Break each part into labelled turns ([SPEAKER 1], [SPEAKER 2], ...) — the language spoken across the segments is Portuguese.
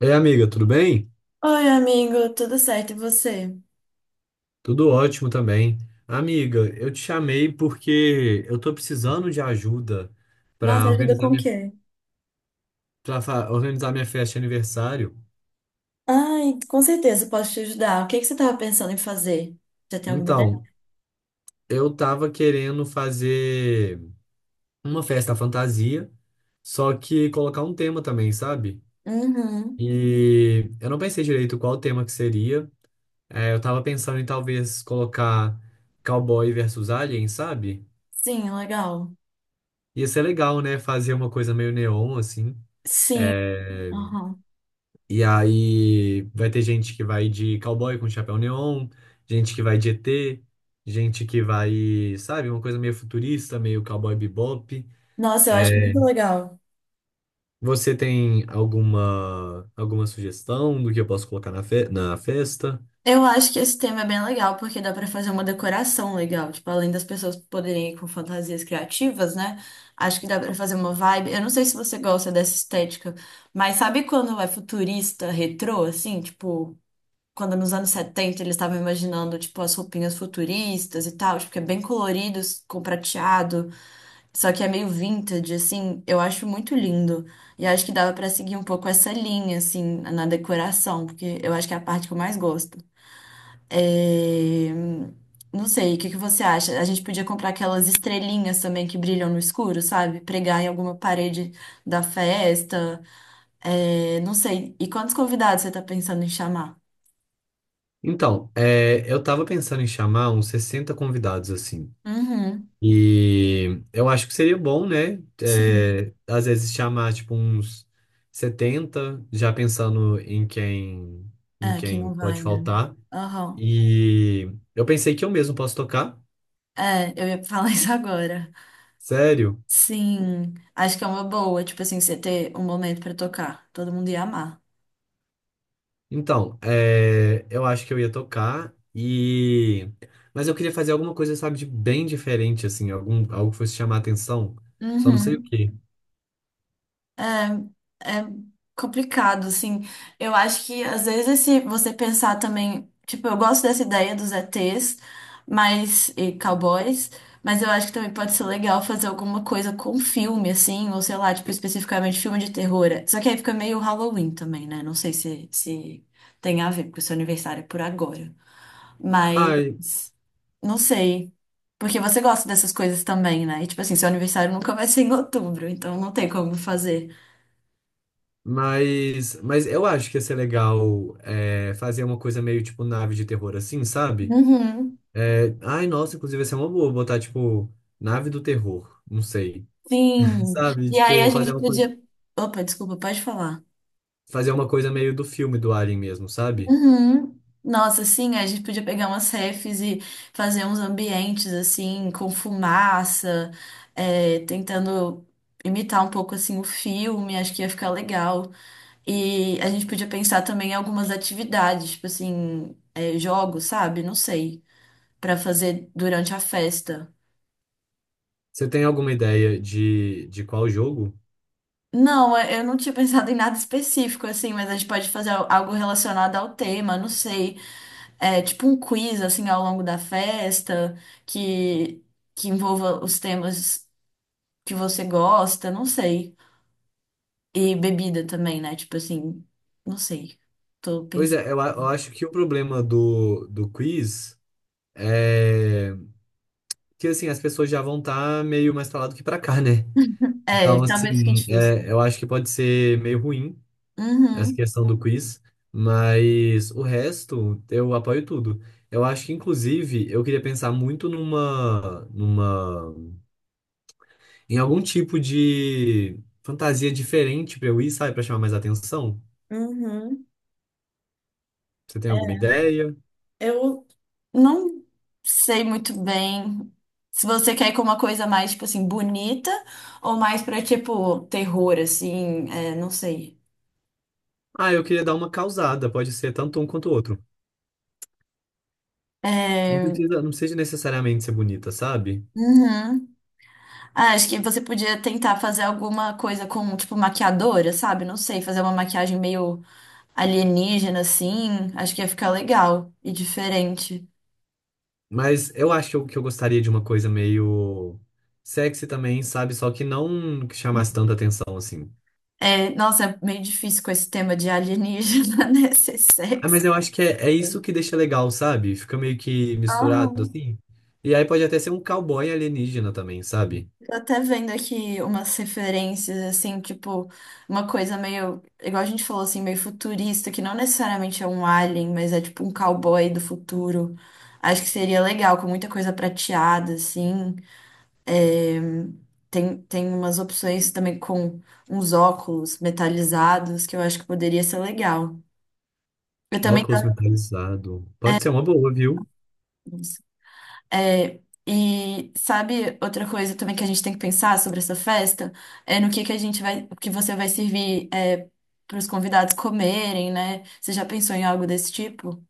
[SPEAKER 1] É, amiga, tudo bem?
[SPEAKER 2] Oi, amigo, tudo certo? E você?
[SPEAKER 1] Tudo ótimo também. Amiga, eu te chamei porque eu tô precisando de ajuda
[SPEAKER 2] Nossa,
[SPEAKER 1] para
[SPEAKER 2] ajuda
[SPEAKER 1] organizar
[SPEAKER 2] com o quê?
[SPEAKER 1] organizar minha festa de aniversário.
[SPEAKER 2] Ai, com certeza posso te ajudar. O que que você estava pensando em fazer? Já tem alguma ideia?
[SPEAKER 1] Então, eu tava querendo fazer uma festa fantasia, só que colocar um tema também, sabe?
[SPEAKER 2] Uhum.
[SPEAKER 1] E eu não pensei direito qual o tema que seria. Eu tava pensando em talvez colocar cowboy versus alien, sabe?
[SPEAKER 2] Sim, legal.
[SPEAKER 1] Ia ser legal, né? Fazer uma coisa meio neon, assim.
[SPEAKER 2] Sim.
[SPEAKER 1] É,
[SPEAKER 2] Uhum.
[SPEAKER 1] e aí vai ter gente que vai de cowboy com chapéu neon, gente que vai de ET, gente que vai, sabe, uma coisa meio futurista, meio cowboy bebop.
[SPEAKER 2] Nossa, eu acho
[SPEAKER 1] É,
[SPEAKER 2] muito legal.
[SPEAKER 1] você tem alguma sugestão do que eu posso colocar na festa?
[SPEAKER 2] Eu acho que esse tema é bem legal, porque dá para fazer uma decoração legal. Tipo, além das pessoas poderem ir com fantasias criativas, né? Acho que dá para fazer uma vibe. Eu não sei se você gosta dessa estética, mas sabe quando é futurista, retrô, assim? Tipo, quando nos anos 70 eles estavam imaginando, tipo, as roupinhas futuristas e tal, tipo, que é bem colorido, com prateado, só que é meio vintage, assim, eu acho muito lindo. E acho que dava pra seguir um pouco essa linha, assim, na decoração, porque eu acho que é a parte que eu mais gosto. É, Não sei, o que que você acha? A gente podia comprar aquelas estrelinhas também que brilham no escuro, sabe? Pregar em alguma parede da festa. Não sei. E quantos convidados você tá pensando em chamar?
[SPEAKER 1] Então, é, eu tava pensando em chamar uns 60 convidados assim.
[SPEAKER 2] Uhum.
[SPEAKER 1] E eu acho que seria bom, né?
[SPEAKER 2] Sim.
[SPEAKER 1] É, às vezes chamar tipo uns 70 já pensando em quem em
[SPEAKER 2] É, que
[SPEAKER 1] quem
[SPEAKER 2] não
[SPEAKER 1] pode
[SPEAKER 2] vai, né?
[SPEAKER 1] faltar.
[SPEAKER 2] Aham.
[SPEAKER 1] E eu pensei que eu mesmo posso tocar.
[SPEAKER 2] É, eu ia falar isso agora.
[SPEAKER 1] Sério?
[SPEAKER 2] Sim, acho que é uma boa, tipo assim, você ter um momento pra tocar. Todo mundo ia amar.
[SPEAKER 1] Então, é, eu acho que eu ia tocar e mas eu queria fazer alguma coisa, sabe, de bem diferente assim, algum algo que fosse chamar a atenção. Só não sei o
[SPEAKER 2] Uhum.
[SPEAKER 1] quê.
[SPEAKER 2] É complicado, assim. Eu acho que às vezes se você pensar também, tipo, eu gosto dessa ideia dos ETs, mas e cowboys, mas eu acho que também pode ser legal fazer alguma coisa com filme, assim, ou sei lá, tipo, especificamente filme de terror. Só que aí fica meio Halloween também, né? Não sei se, se tem a ver, porque o seu aniversário é por agora. Mas
[SPEAKER 1] Ah,
[SPEAKER 2] não sei. Porque você gosta dessas coisas também, né? E tipo assim, seu aniversário nunca vai ser em outubro, então não tem como fazer.
[SPEAKER 1] mas eu acho que ia ser legal é, fazer uma coisa meio tipo nave de terror assim, sabe?
[SPEAKER 2] Uhum.
[SPEAKER 1] É, ai, nossa, inclusive ia ser uma boa botar tipo nave do terror, não sei.
[SPEAKER 2] Sim.
[SPEAKER 1] Sabe?
[SPEAKER 2] E aí a
[SPEAKER 1] Tipo,
[SPEAKER 2] gente podia. Opa, desculpa, pode falar.
[SPEAKER 1] fazer uma coisa meio do filme do Alien mesmo, sabe?
[SPEAKER 2] Uhum. Nossa, sim, a gente podia pegar umas refs e fazer uns ambientes assim, com fumaça, tentando imitar um pouco assim o filme, acho que ia ficar legal. E a gente podia pensar também em algumas atividades, tipo assim, é, jogos, sabe? Não sei, pra fazer durante a festa.
[SPEAKER 1] Você tem alguma ideia de qual jogo?
[SPEAKER 2] Não, eu não tinha pensado em nada específico, assim, mas a gente pode fazer algo relacionado ao tema, não sei. É, tipo um quiz assim ao longo da festa que que envolva os temas que você gosta, não sei. E bebida também, né? Tipo assim, não sei. Tô
[SPEAKER 1] Pois
[SPEAKER 2] pensando.
[SPEAKER 1] é, eu acho que o problema do quiz é que assim, as pessoas já vão estar meio mais pra lá do que pra cá, né?
[SPEAKER 2] É,
[SPEAKER 1] Então,
[SPEAKER 2] talvez fique
[SPEAKER 1] assim,
[SPEAKER 2] difícil.
[SPEAKER 1] é, eu acho que pode ser meio ruim essa
[SPEAKER 2] Uhum.
[SPEAKER 1] questão do quiz, mas o resto eu apoio tudo. Eu acho que, inclusive, eu queria pensar muito em algum tipo de fantasia diferente pra eu ir, sabe, pra chamar mais atenção.
[SPEAKER 2] Uhum.
[SPEAKER 1] Você tem alguma
[SPEAKER 2] É,
[SPEAKER 1] ideia?
[SPEAKER 2] eu Não sei muito bem se você quer ir com uma coisa mais, tipo assim, bonita ou mais pra, tipo, terror, assim, é, não sei.
[SPEAKER 1] Ah, eu queria dar uma causada, pode ser tanto um quanto o outro. Não
[SPEAKER 2] É,
[SPEAKER 1] precisa, não precisa necessariamente ser bonita, sabe?
[SPEAKER 2] uhum. Ah, acho que você podia tentar fazer alguma coisa com, tipo, maquiadora, sabe? Não sei, fazer uma maquiagem meio alienígena, assim. Acho que ia ficar legal e diferente.
[SPEAKER 1] Mas eu acho que eu gostaria de uma coisa meio sexy também, sabe? Só que não que chamasse tanta atenção assim.
[SPEAKER 2] É, nossa, é meio difícil com esse tema de alienígena, né? Ser
[SPEAKER 1] Ah,
[SPEAKER 2] sexy.
[SPEAKER 1] mas eu acho que é isso que deixa legal, sabe? Fica meio que misturado
[SPEAKER 2] Aham.
[SPEAKER 1] assim. E aí pode até ser um cowboy alienígena também, sabe?
[SPEAKER 2] Tô até vendo aqui umas referências, assim, tipo, uma coisa meio, igual a gente falou, assim, meio futurista, que não necessariamente é um alien, mas é tipo um cowboy do futuro. Acho que seria legal, com muita coisa prateada, assim. É, tem umas opções também com uns óculos metalizados que eu acho que poderia ser legal. Eu também
[SPEAKER 1] Óculos
[SPEAKER 2] tava
[SPEAKER 1] metalizado. Pode ser uma boa, viu?
[SPEAKER 2] nisso. É, e sabe outra coisa também que a gente tem que pensar sobre essa festa é no que a gente vai, o que você vai servir para os convidados comerem, né? Você já pensou em algo desse tipo?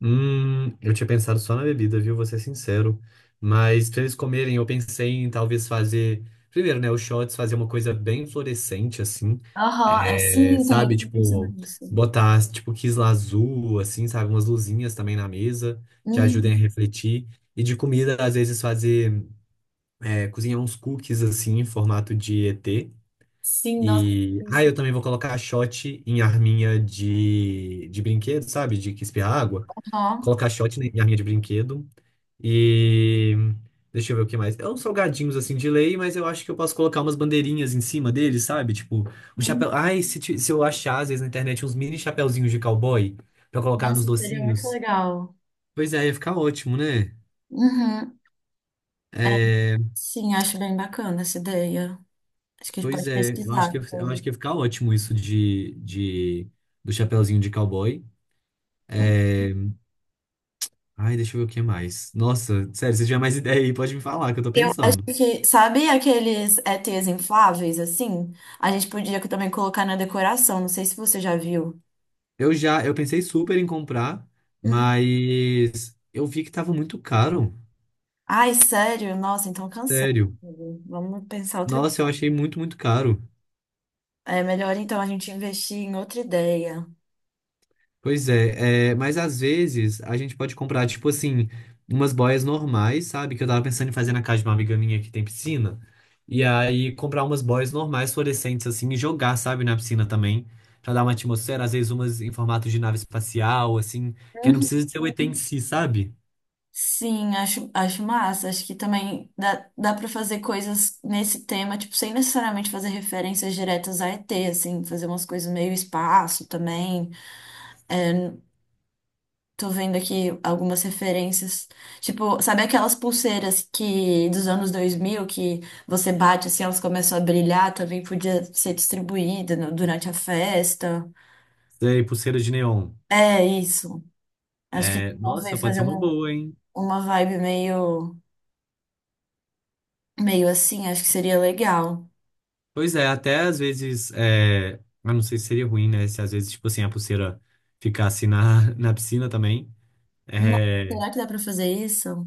[SPEAKER 1] Eu tinha pensado só na bebida, viu? Vou ser sincero. Mas pra eles comerem, eu pensei em talvez fazer. Primeiro, né? Os shots, fazer uma coisa bem fluorescente, assim.
[SPEAKER 2] Aham, é,
[SPEAKER 1] É,
[SPEAKER 2] sim, eu também
[SPEAKER 1] sabe?
[SPEAKER 2] estava pensando
[SPEAKER 1] Tipo,
[SPEAKER 2] nisso.
[SPEAKER 1] botar, tipo, quisla azul, assim, sabe? Umas luzinhas também na mesa que ajudem a
[SPEAKER 2] Uhum.
[SPEAKER 1] refletir. E de comida, às vezes, fazer. É, cozinhar uns cookies assim em formato de ET.
[SPEAKER 2] Sim, nossa, eu
[SPEAKER 1] E ah,
[SPEAKER 2] pensei.
[SPEAKER 1] eu também vou colocar a shot em arminha de brinquedo, sabe? De que espirra água.
[SPEAKER 2] Aham.
[SPEAKER 1] Colocar a shot em arminha de brinquedo. E deixa eu ver o que mais. É uns salgadinhos assim de lei, mas eu acho que eu posso colocar umas bandeirinhas em cima deles, sabe? Tipo, um
[SPEAKER 2] Uhum.
[SPEAKER 1] chapéu. Ai, se eu achar às vezes na internet uns mini chapéuzinhos de cowboy pra colocar nos
[SPEAKER 2] Nossa, seria muito
[SPEAKER 1] docinhos.
[SPEAKER 2] legal.
[SPEAKER 1] Pois é, ia ficar ótimo, né?
[SPEAKER 2] Uhum.
[SPEAKER 1] É,
[SPEAKER 2] Sim, acho bem bacana essa ideia. Acho que a gente
[SPEAKER 1] pois
[SPEAKER 2] pode
[SPEAKER 1] é,
[SPEAKER 2] pesquisar
[SPEAKER 1] eu acho
[SPEAKER 2] sobre.
[SPEAKER 1] que ia ficar ótimo isso de do chapeuzinho de cowboy. Ai, deixa eu ver o que mais. Nossa, sério, se tiver mais ideia aí, pode me falar, que eu tô
[SPEAKER 2] Eu acho
[SPEAKER 1] pensando.
[SPEAKER 2] que, sabe aqueles ETs infláveis, assim? A gente podia também colocar na decoração. Não sei se você já viu.
[SPEAKER 1] Eu pensei super em comprar,
[SPEAKER 2] Hum.
[SPEAKER 1] mas eu vi que tava muito caro.
[SPEAKER 2] Ai, sério? Nossa, então cancela.
[SPEAKER 1] Sério.
[SPEAKER 2] Vamos pensar outra.
[SPEAKER 1] Nossa, eu achei muito, muito caro.
[SPEAKER 2] É melhor então a gente investir em outra ideia.
[SPEAKER 1] Pois é, é, mas às vezes a gente pode comprar, tipo assim, umas boias normais, sabe? Que eu tava pensando em fazer na casa de uma amiga minha que tem piscina. E aí comprar umas boias normais, fluorescentes, assim, e jogar, sabe, na piscina também. Pra dar uma atmosfera, às vezes umas em formato de nave espacial, assim, que não
[SPEAKER 2] Uhum.
[SPEAKER 1] precisa ser o ET em si, sabe?
[SPEAKER 2] Sim, acho massa. Acho que também dá para fazer coisas nesse tema, tipo, sem necessariamente fazer referências diretas a ET, assim, fazer umas coisas meio espaço também. Tô vendo aqui algumas referências. Tipo, sabe aquelas pulseiras que dos anos 2000 que você bate assim, elas começam a brilhar, também podia ser distribuída durante a festa.
[SPEAKER 1] Sei, pulseira de neon.
[SPEAKER 2] É isso. Acho que
[SPEAKER 1] É, nossa,
[SPEAKER 2] talvez
[SPEAKER 1] pode ser
[SPEAKER 2] fazer
[SPEAKER 1] uma
[SPEAKER 2] uma,
[SPEAKER 1] boa, hein?
[SPEAKER 2] uma vibe meio, meio assim, acho que seria legal.
[SPEAKER 1] Pois é, até às vezes, é, eu não sei se seria ruim, né? Se às vezes, tipo assim, a pulseira ficasse na, na piscina também.
[SPEAKER 2] Nossa,
[SPEAKER 1] É,
[SPEAKER 2] será que dá pra fazer isso?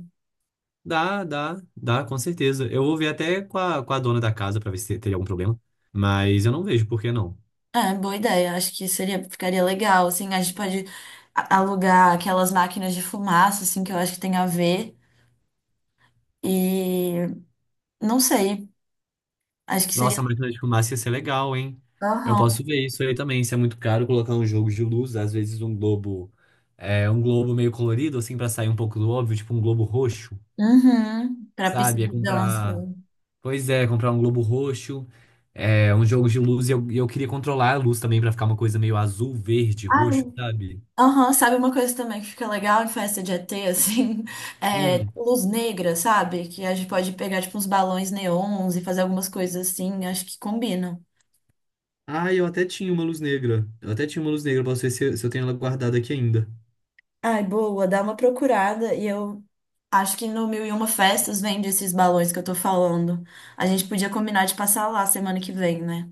[SPEAKER 1] dá, dá, dá, com certeza. Eu vou ver até com com a dona da casa pra ver se teria algum problema. Mas eu não vejo por que não.
[SPEAKER 2] É, boa ideia. Acho que seria, ficaria legal, assim. A gente pode alugar aquelas máquinas de fumaça, assim, que eu acho que tem a ver. E não sei. Acho que seria.
[SPEAKER 1] Nossa, a máquina de fumaça ia ser legal, hein? Eu
[SPEAKER 2] Aham.
[SPEAKER 1] posso ver isso aí também. Se é muito caro colocar um jogo de luz, às vezes um globo, é, um globo meio colorido, assim, pra sair um pouco do óbvio, tipo um globo roxo,
[SPEAKER 2] Uhum. Pra pista
[SPEAKER 1] sabe? É
[SPEAKER 2] de dança.
[SPEAKER 1] comprar. Pois é, comprar um globo roxo, é, um jogo de luz. E eu queria controlar a luz também pra ficar uma coisa meio azul, verde,
[SPEAKER 2] Ah,
[SPEAKER 1] roxo,
[SPEAKER 2] eu-
[SPEAKER 1] sabe?
[SPEAKER 2] Aham, sabe uma coisa também que fica legal em festa de ET, assim? É,
[SPEAKER 1] Hum.
[SPEAKER 2] luz negra, sabe? Que a gente pode pegar, tipo, uns balões neons e fazer algumas coisas assim. Acho que combinam.
[SPEAKER 1] Ah, eu até tinha uma luz negra. Eu até tinha uma luz negra, posso ver se eu tenho ela guardada aqui ainda.
[SPEAKER 2] Ai, boa, dá uma procurada e eu acho que no Mil e Uma Festas vende esses balões que eu tô falando. A gente podia combinar de passar lá semana que vem, né?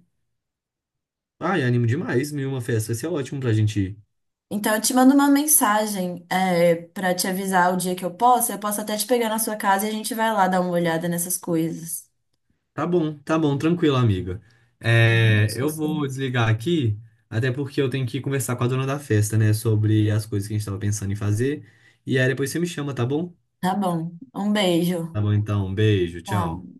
[SPEAKER 1] Ai, animo demais, mil e uma festa. Vai ser ótimo pra gente ir.
[SPEAKER 2] Então eu te mando uma mensagem, é, para te avisar o dia que eu posso. Eu posso até te pegar na sua casa e a gente vai lá dar uma olhada nessas coisas.
[SPEAKER 1] Tranquilo, amiga.
[SPEAKER 2] Boa
[SPEAKER 1] É, eu
[SPEAKER 2] notícia.
[SPEAKER 1] vou desligar aqui, até porque eu tenho que conversar com a dona da festa, né, sobre as coisas que a gente tava pensando em fazer. E aí depois você me chama, tá bom?
[SPEAKER 2] Tá bom. Um beijo.
[SPEAKER 1] Tá bom, então, beijo, tchau.
[SPEAKER 2] Tchau.